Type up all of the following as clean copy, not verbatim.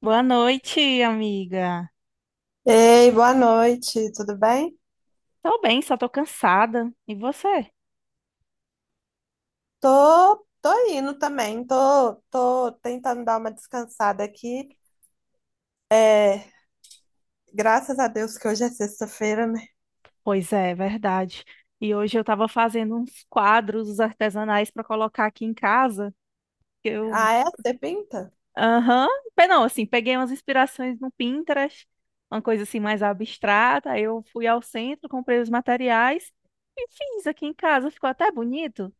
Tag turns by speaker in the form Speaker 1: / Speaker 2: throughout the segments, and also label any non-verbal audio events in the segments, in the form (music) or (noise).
Speaker 1: Boa noite, amiga.
Speaker 2: Ei, boa noite, tudo bem?
Speaker 1: Tô bem, só tô cansada. E você?
Speaker 2: Tô, indo também, tô tentando dar uma descansada aqui. É, Graças a Deus que hoje é sexta-feira, né?
Speaker 1: Pois é, verdade. E hoje eu tava fazendo uns quadros artesanais pra colocar aqui em casa. Que Eu,
Speaker 2: Ah, é? Você pinta?
Speaker 1: aham, Pe- não, assim, peguei umas inspirações no Pinterest, uma coisa assim mais abstrata. Aí eu fui ao centro, comprei os materiais e fiz aqui em casa. Ficou até bonito.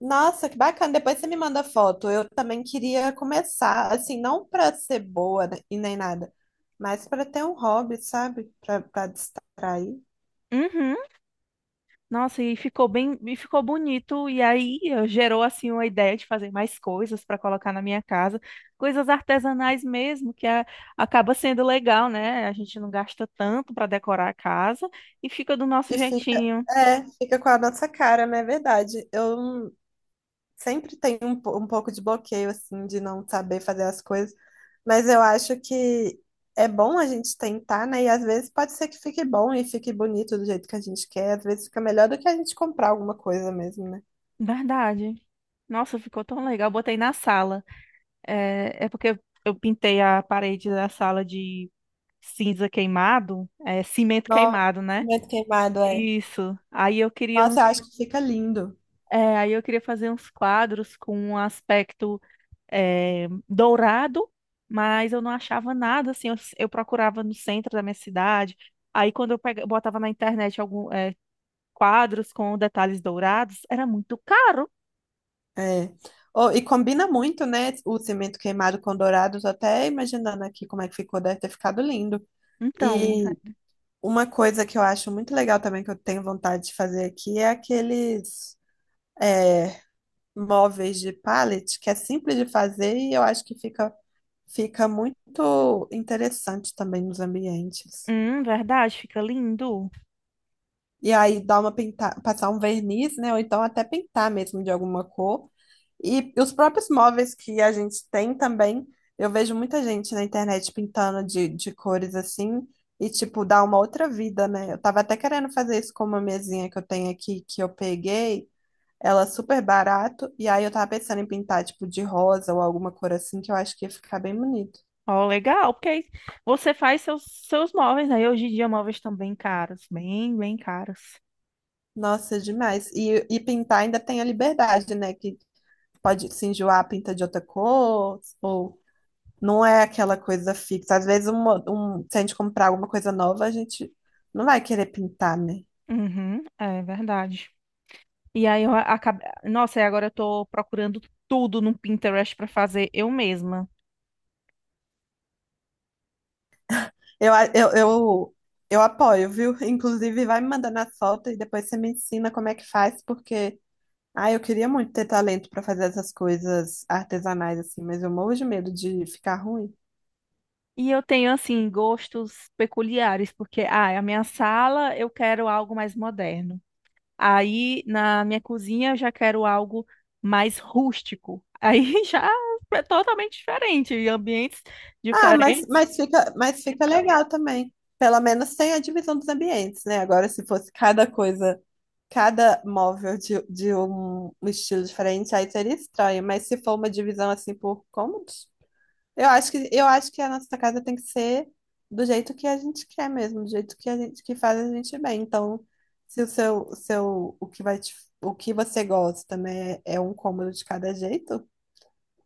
Speaker 2: Nossa, que bacana. Depois você me manda foto. Eu também queria começar, assim, não pra ser boa né, e nem nada, mas pra ter um hobby, sabe? Pra distrair.
Speaker 1: Uhum. Nossa, e ficou bem, e ficou bonito, e aí gerou assim uma ideia de fazer mais coisas para colocar na minha casa, coisas artesanais mesmo, acaba sendo legal, né? A gente não gasta tanto para decorar a casa e fica do nosso
Speaker 2: E fica,
Speaker 1: jeitinho.
Speaker 2: é, fica com a nossa cara, não é verdade? Eu sempre tem um pouco de bloqueio, assim, de não saber fazer as coisas, mas eu acho que é bom a gente tentar, né? E às vezes pode ser que fique bom e fique bonito do jeito que a gente quer, às vezes fica melhor do que a gente comprar alguma coisa mesmo, né?
Speaker 1: Verdade. Nossa, ficou tão legal. Eu botei na sala. É, é porque eu pintei a parede da sala de cinza queimado, é, cimento
Speaker 2: Nossa,
Speaker 1: queimado, né?
Speaker 2: muito queimado, é.
Speaker 1: Isso. Aí eu queria um
Speaker 2: Nossa, eu acho que fica lindo.
Speaker 1: é, aí eu queria fazer uns quadros com um aspecto dourado, mas eu não achava nada, assim, eu procurava no centro da minha cidade, aí quando eu botava na internet algum quadros com detalhes dourados, era muito caro.
Speaker 2: É. Oh, e combina muito, né? O cimento queimado com dourado, tô até imaginando aqui como é que ficou, deve ter ficado lindo.
Speaker 1: Então,
Speaker 2: E uma coisa que eu acho muito legal também, que eu tenho vontade de fazer aqui, é é, móveis de pallet, que é simples de fazer e eu acho que fica muito interessante também nos ambientes.
Speaker 1: verdade, fica lindo.
Speaker 2: E aí dá uma pintar, passar um verniz, né? Ou então até pintar mesmo de alguma cor. E os próprios móveis que a gente tem também, eu vejo muita gente na internet pintando de cores assim, e tipo, dá uma outra vida, né? Eu tava até querendo fazer isso com uma mesinha que eu tenho aqui, que eu peguei. Ela super barato. E aí eu tava pensando em pintar, tipo, de rosa ou alguma cor assim, que eu acho que ia ficar bem bonito.
Speaker 1: Ó, legal, porque aí você faz seus móveis, né? E hoje em dia móveis estão bem caros, bem caros.
Speaker 2: Nossa, demais. E pintar ainda tem a liberdade, né? Que pode se enjoar, pinta de outra cor, ou não é aquela coisa fixa. Às vezes, se a gente comprar alguma coisa nova, a gente não vai querer pintar, né?
Speaker 1: Uhum, é verdade. E aí eu acabei. Nossa, e agora eu tô procurando tudo no Pinterest pra fazer eu mesma.
Speaker 2: Eu, a- eu, eu apoio, viu? (laughs) Inclusive, vai me mandando as fotos e depois você me ensina como é que faz, porque. Ah, eu queria muito ter talento para fazer essas coisas artesanais assim, mas eu morro de medo de ficar ruim.
Speaker 1: E eu tenho, assim, gostos peculiares, porque, ah, a minha sala eu quero algo mais moderno. Aí, na minha cozinha, eu já quero algo mais rústico. Aí (laughs) já é totalmente diferente, e ambientes
Speaker 2: Ah,
Speaker 1: diferentes.
Speaker 2: mas fica legal também. Pelo menos tem a divisão dos ambientes, né? Agora, se fosse cada coisa, cada móvel de um um estilo diferente, aí seria estranho. Mas se for uma divisão assim por cômodos, eu acho que a nossa casa tem que ser do jeito que a gente quer mesmo, do jeito que a gente que faz a gente bem. Então, se o seu, seu, o que vai te, o que você gosta, né, é um cômodo de cada jeito,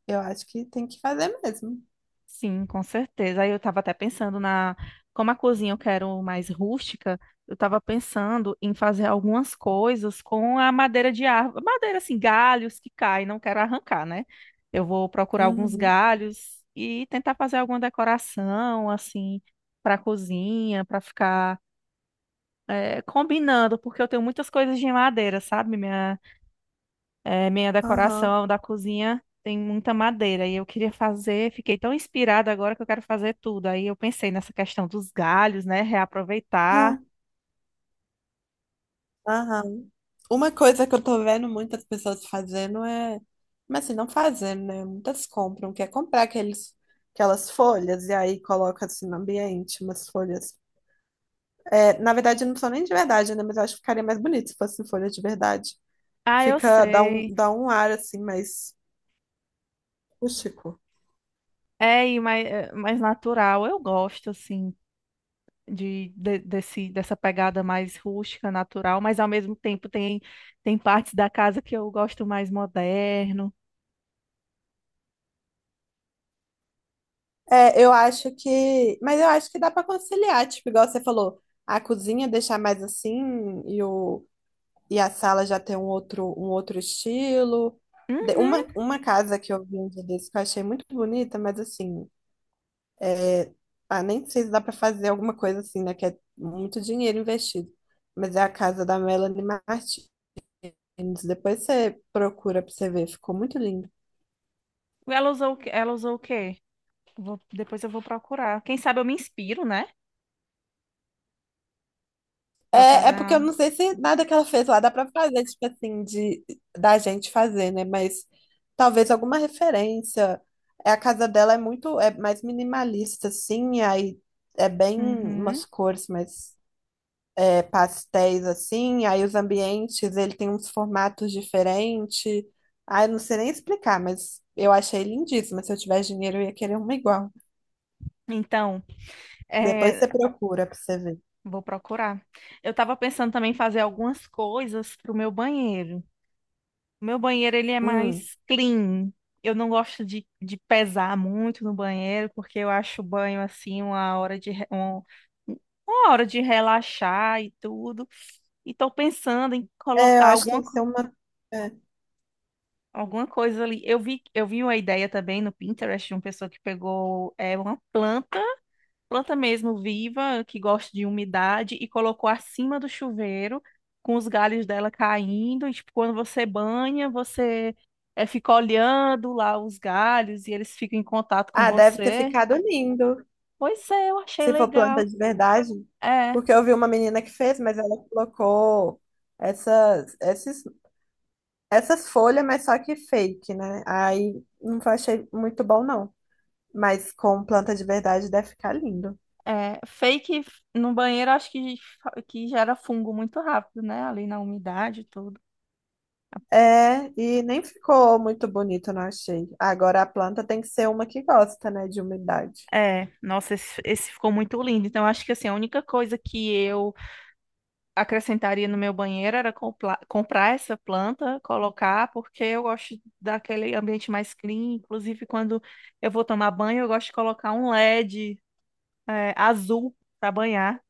Speaker 2: eu acho que tem que fazer mesmo.
Speaker 1: Sim, com certeza. Aí eu estava até pensando na, Como a cozinha eu quero mais rústica, eu estava pensando em fazer algumas coisas com a madeira de árvore, madeira assim, galhos que caem, não quero arrancar, né? Eu vou procurar alguns
Speaker 2: Uhum.
Speaker 1: galhos e tentar fazer alguma decoração assim para a cozinha, para ficar combinando, porque eu tenho muitas coisas de madeira, sabe? É, minha
Speaker 2: Aham.
Speaker 1: decoração da cozinha tem muita madeira e eu queria fazer, fiquei tão inspirada agora que eu quero fazer tudo. Aí eu pensei nessa questão dos galhos, né? Reaproveitar.
Speaker 2: Ah, Aham. Uma coisa que eu tô vendo muitas pessoas fazendo é. Mas assim, não fazendo, né? Muitas compram, quer comprar aqueles, aquelas folhas e aí coloca assim no ambiente umas folhas. É, na verdade, não são nem de verdade, né? Mas eu acho que ficaria mais bonito se fossem folhas de verdade.
Speaker 1: Ah, eu
Speaker 2: Fica,
Speaker 1: sei.
Speaker 2: dá um ar assim mais rústico.
Speaker 1: É, e mais, é, mais natural. Eu gosto, assim, desse, dessa pegada mais rústica, natural, mas ao mesmo tempo tem partes da casa que eu gosto mais moderno.
Speaker 2: É, eu acho que. Mas eu acho que dá pra conciliar, tipo, igual você falou, a cozinha deixar mais assim e o E a sala já tem um outro estilo.
Speaker 1: Uhum.
Speaker 2: Uma casa que eu vi um dia desse que eu achei muito bonita, mas assim, é, ah, nem sei se dá para fazer alguma coisa assim, né? Que é muito dinheiro investido. Mas é a casa da Melanie Martins. Depois você procura para você ver, ficou muito lindo.
Speaker 1: Ela usou, ela usou o quê? Depois eu vou procurar. Quem sabe eu me inspiro, né? Pra
Speaker 2: É,
Speaker 1: fazer
Speaker 2: é porque eu
Speaker 1: algo.
Speaker 2: não sei se nada que ela fez lá dá pra fazer, tipo assim, de da gente fazer, né? Mas talvez alguma referência. É, a casa dela é muito, é mais minimalista, assim, aí é bem
Speaker 1: Uhum.
Speaker 2: umas cores mais pastéis, assim, aí os ambientes, ele tem uns formatos diferentes. Ah, eu não sei nem explicar, mas eu achei lindíssima. Se eu tivesse dinheiro, eu ia querer uma igual.
Speaker 1: Então,
Speaker 2: Depois
Speaker 1: é,
Speaker 2: você procura pra você ver.
Speaker 1: vou procurar. Eu estava pensando também em fazer algumas coisas pro meu banheiro. O meu banheiro, ele é
Speaker 2: Hum.
Speaker 1: mais clean. Eu não gosto de pesar muito no banheiro, porque eu acho o banho, assim, uma hora de relaxar e tudo. E tô pensando em
Speaker 2: É, eu
Speaker 1: colocar
Speaker 2: acho que tem que ser uma. É,
Speaker 1: alguma coisa ali. Eu vi uma ideia também no Pinterest de uma pessoa que pegou uma planta mesmo viva, que gosta de umidade, e colocou acima do chuveiro, com os galhos dela caindo. E, tipo, quando você banha, você fica olhando lá os galhos e eles ficam em contato com
Speaker 2: Ah, deve ter
Speaker 1: você.
Speaker 2: ficado lindo,
Speaker 1: Pois é, eu achei
Speaker 2: se for planta
Speaker 1: legal.
Speaker 2: de verdade.
Speaker 1: É,
Speaker 2: Porque eu vi uma menina que fez, mas ela colocou essas, esses, essas folhas, mas só que fake, né? Aí não achei muito bom, não. Mas com planta de verdade deve ficar lindo.
Speaker 1: é. Fake no banheiro, acho que gera fungo muito rápido, né? Ali na umidade e tudo.
Speaker 2: É, e nem ficou muito bonito, não achei. Agora a planta tem que ser uma que gosta, né, de umidade.
Speaker 1: É, nossa, esse ficou muito lindo. Então, acho que assim, a única coisa que eu acrescentaria no meu banheiro era comprar essa planta, colocar, porque eu gosto daquele ambiente mais clean. Inclusive, quando eu vou tomar banho, eu gosto de colocar um LED, é, azul para banhar.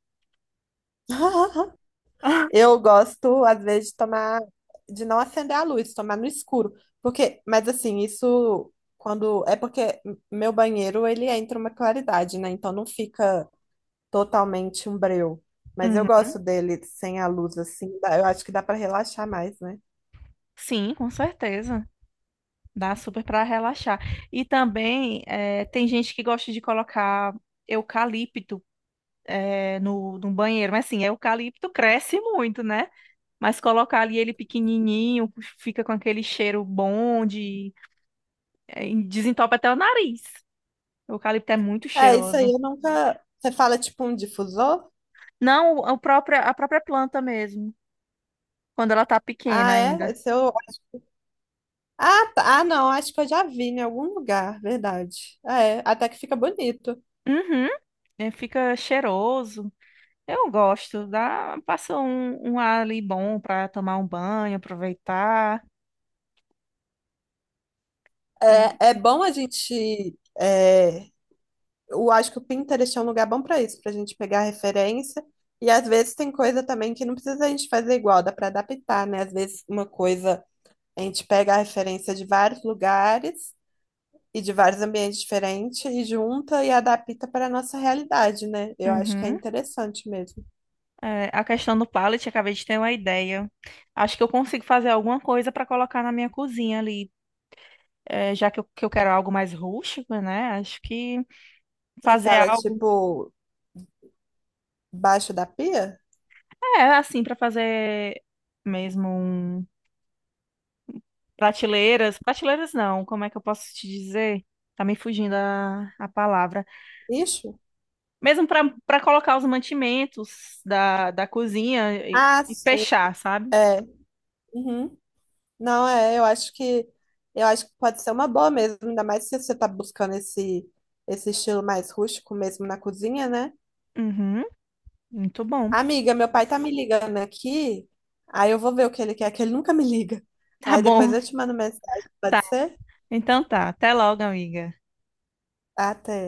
Speaker 2: (laughs)
Speaker 1: (laughs)
Speaker 2: Eu gosto, às vezes, de tomar, de não acender a luz, tomar no escuro. Porque, mas assim, isso quando. É porque meu banheiro ele entra uma claridade, né? Então não fica totalmente um breu. Mas eu gosto
Speaker 1: Uhum.
Speaker 2: dele sem a luz assim, dá- eu acho que dá para relaxar mais, né?
Speaker 1: Sim, com certeza. Dá super para relaxar. E também tem gente que gosta de colocar eucalipto no banheiro. Mas assim, eucalipto cresce muito, né? Mas colocar ali ele pequenininho, fica com aquele cheiro bom de É, desentope até o nariz. O eucalipto é muito
Speaker 2: É, isso aí
Speaker 1: cheiroso.
Speaker 2: eu nunca. Você fala tipo um difusor?
Speaker 1: Não, a própria planta mesmo, quando ela tá pequena
Speaker 2: Ah, é?
Speaker 1: ainda.
Speaker 2: Esse eu... Ah, tá. Ah, não, acho que eu já vi em algum lugar, verdade. Ah, é, até que fica bonito.
Speaker 1: Uhum. É, fica cheiroso. Eu gosto, dá, passa um, um ar ali bom pra tomar um banho, aproveitar. E
Speaker 2: É, é bom a gente. É, eu acho que o Pinterest é um lugar bom para isso, para a gente pegar referência. E às vezes tem coisa também que não precisa a gente fazer igual, dá para adaptar, né? Às vezes uma coisa a gente pega a referência de vários lugares e de vários ambientes diferentes e junta e adapta para a nossa realidade, né? Eu acho que é
Speaker 1: uhum.
Speaker 2: interessante mesmo.
Speaker 1: É, a questão do pallet, acabei de ter uma ideia. Acho que eu consigo fazer alguma coisa pra colocar na minha cozinha ali. É, já que eu quero algo mais rústico, né? Acho que
Speaker 2: Você
Speaker 1: fazer
Speaker 2: fala,
Speaker 1: algo,
Speaker 2: tipo, baixo da pia?
Speaker 1: é, assim, pra fazer mesmo um... prateleiras. Prateleiras não, como é que eu posso te dizer? Tá me fugindo a palavra.
Speaker 2: Isso?
Speaker 1: Mesmo pra para colocar os mantimentos da cozinha e,
Speaker 2: Ah,
Speaker 1: e
Speaker 2: sim.
Speaker 1: fechar, sabe?
Speaker 2: É. Uhum. Não, é, eu acho que pode ser uma boa mesmo, ainda mais se você tá buscando esse estilo mais rústico mesmo na cozinha, né?
Speaker 1: Uhum, muito bom.
Speaker 2: Amiga, meu pai tá me ligando aqui, aí eu vou ver o que ele quer, que ele nunca me liga.
Speaker 1: Tá
Speaker 2: Aí depois
Speaker 1: bom,
Speaker 2: eu te mando mensagem,
Speaker 1: tá.
Speaker 2: pode ser?
Speaker 1: Então tá. Até logo, amiga.
Speaker 2: Até.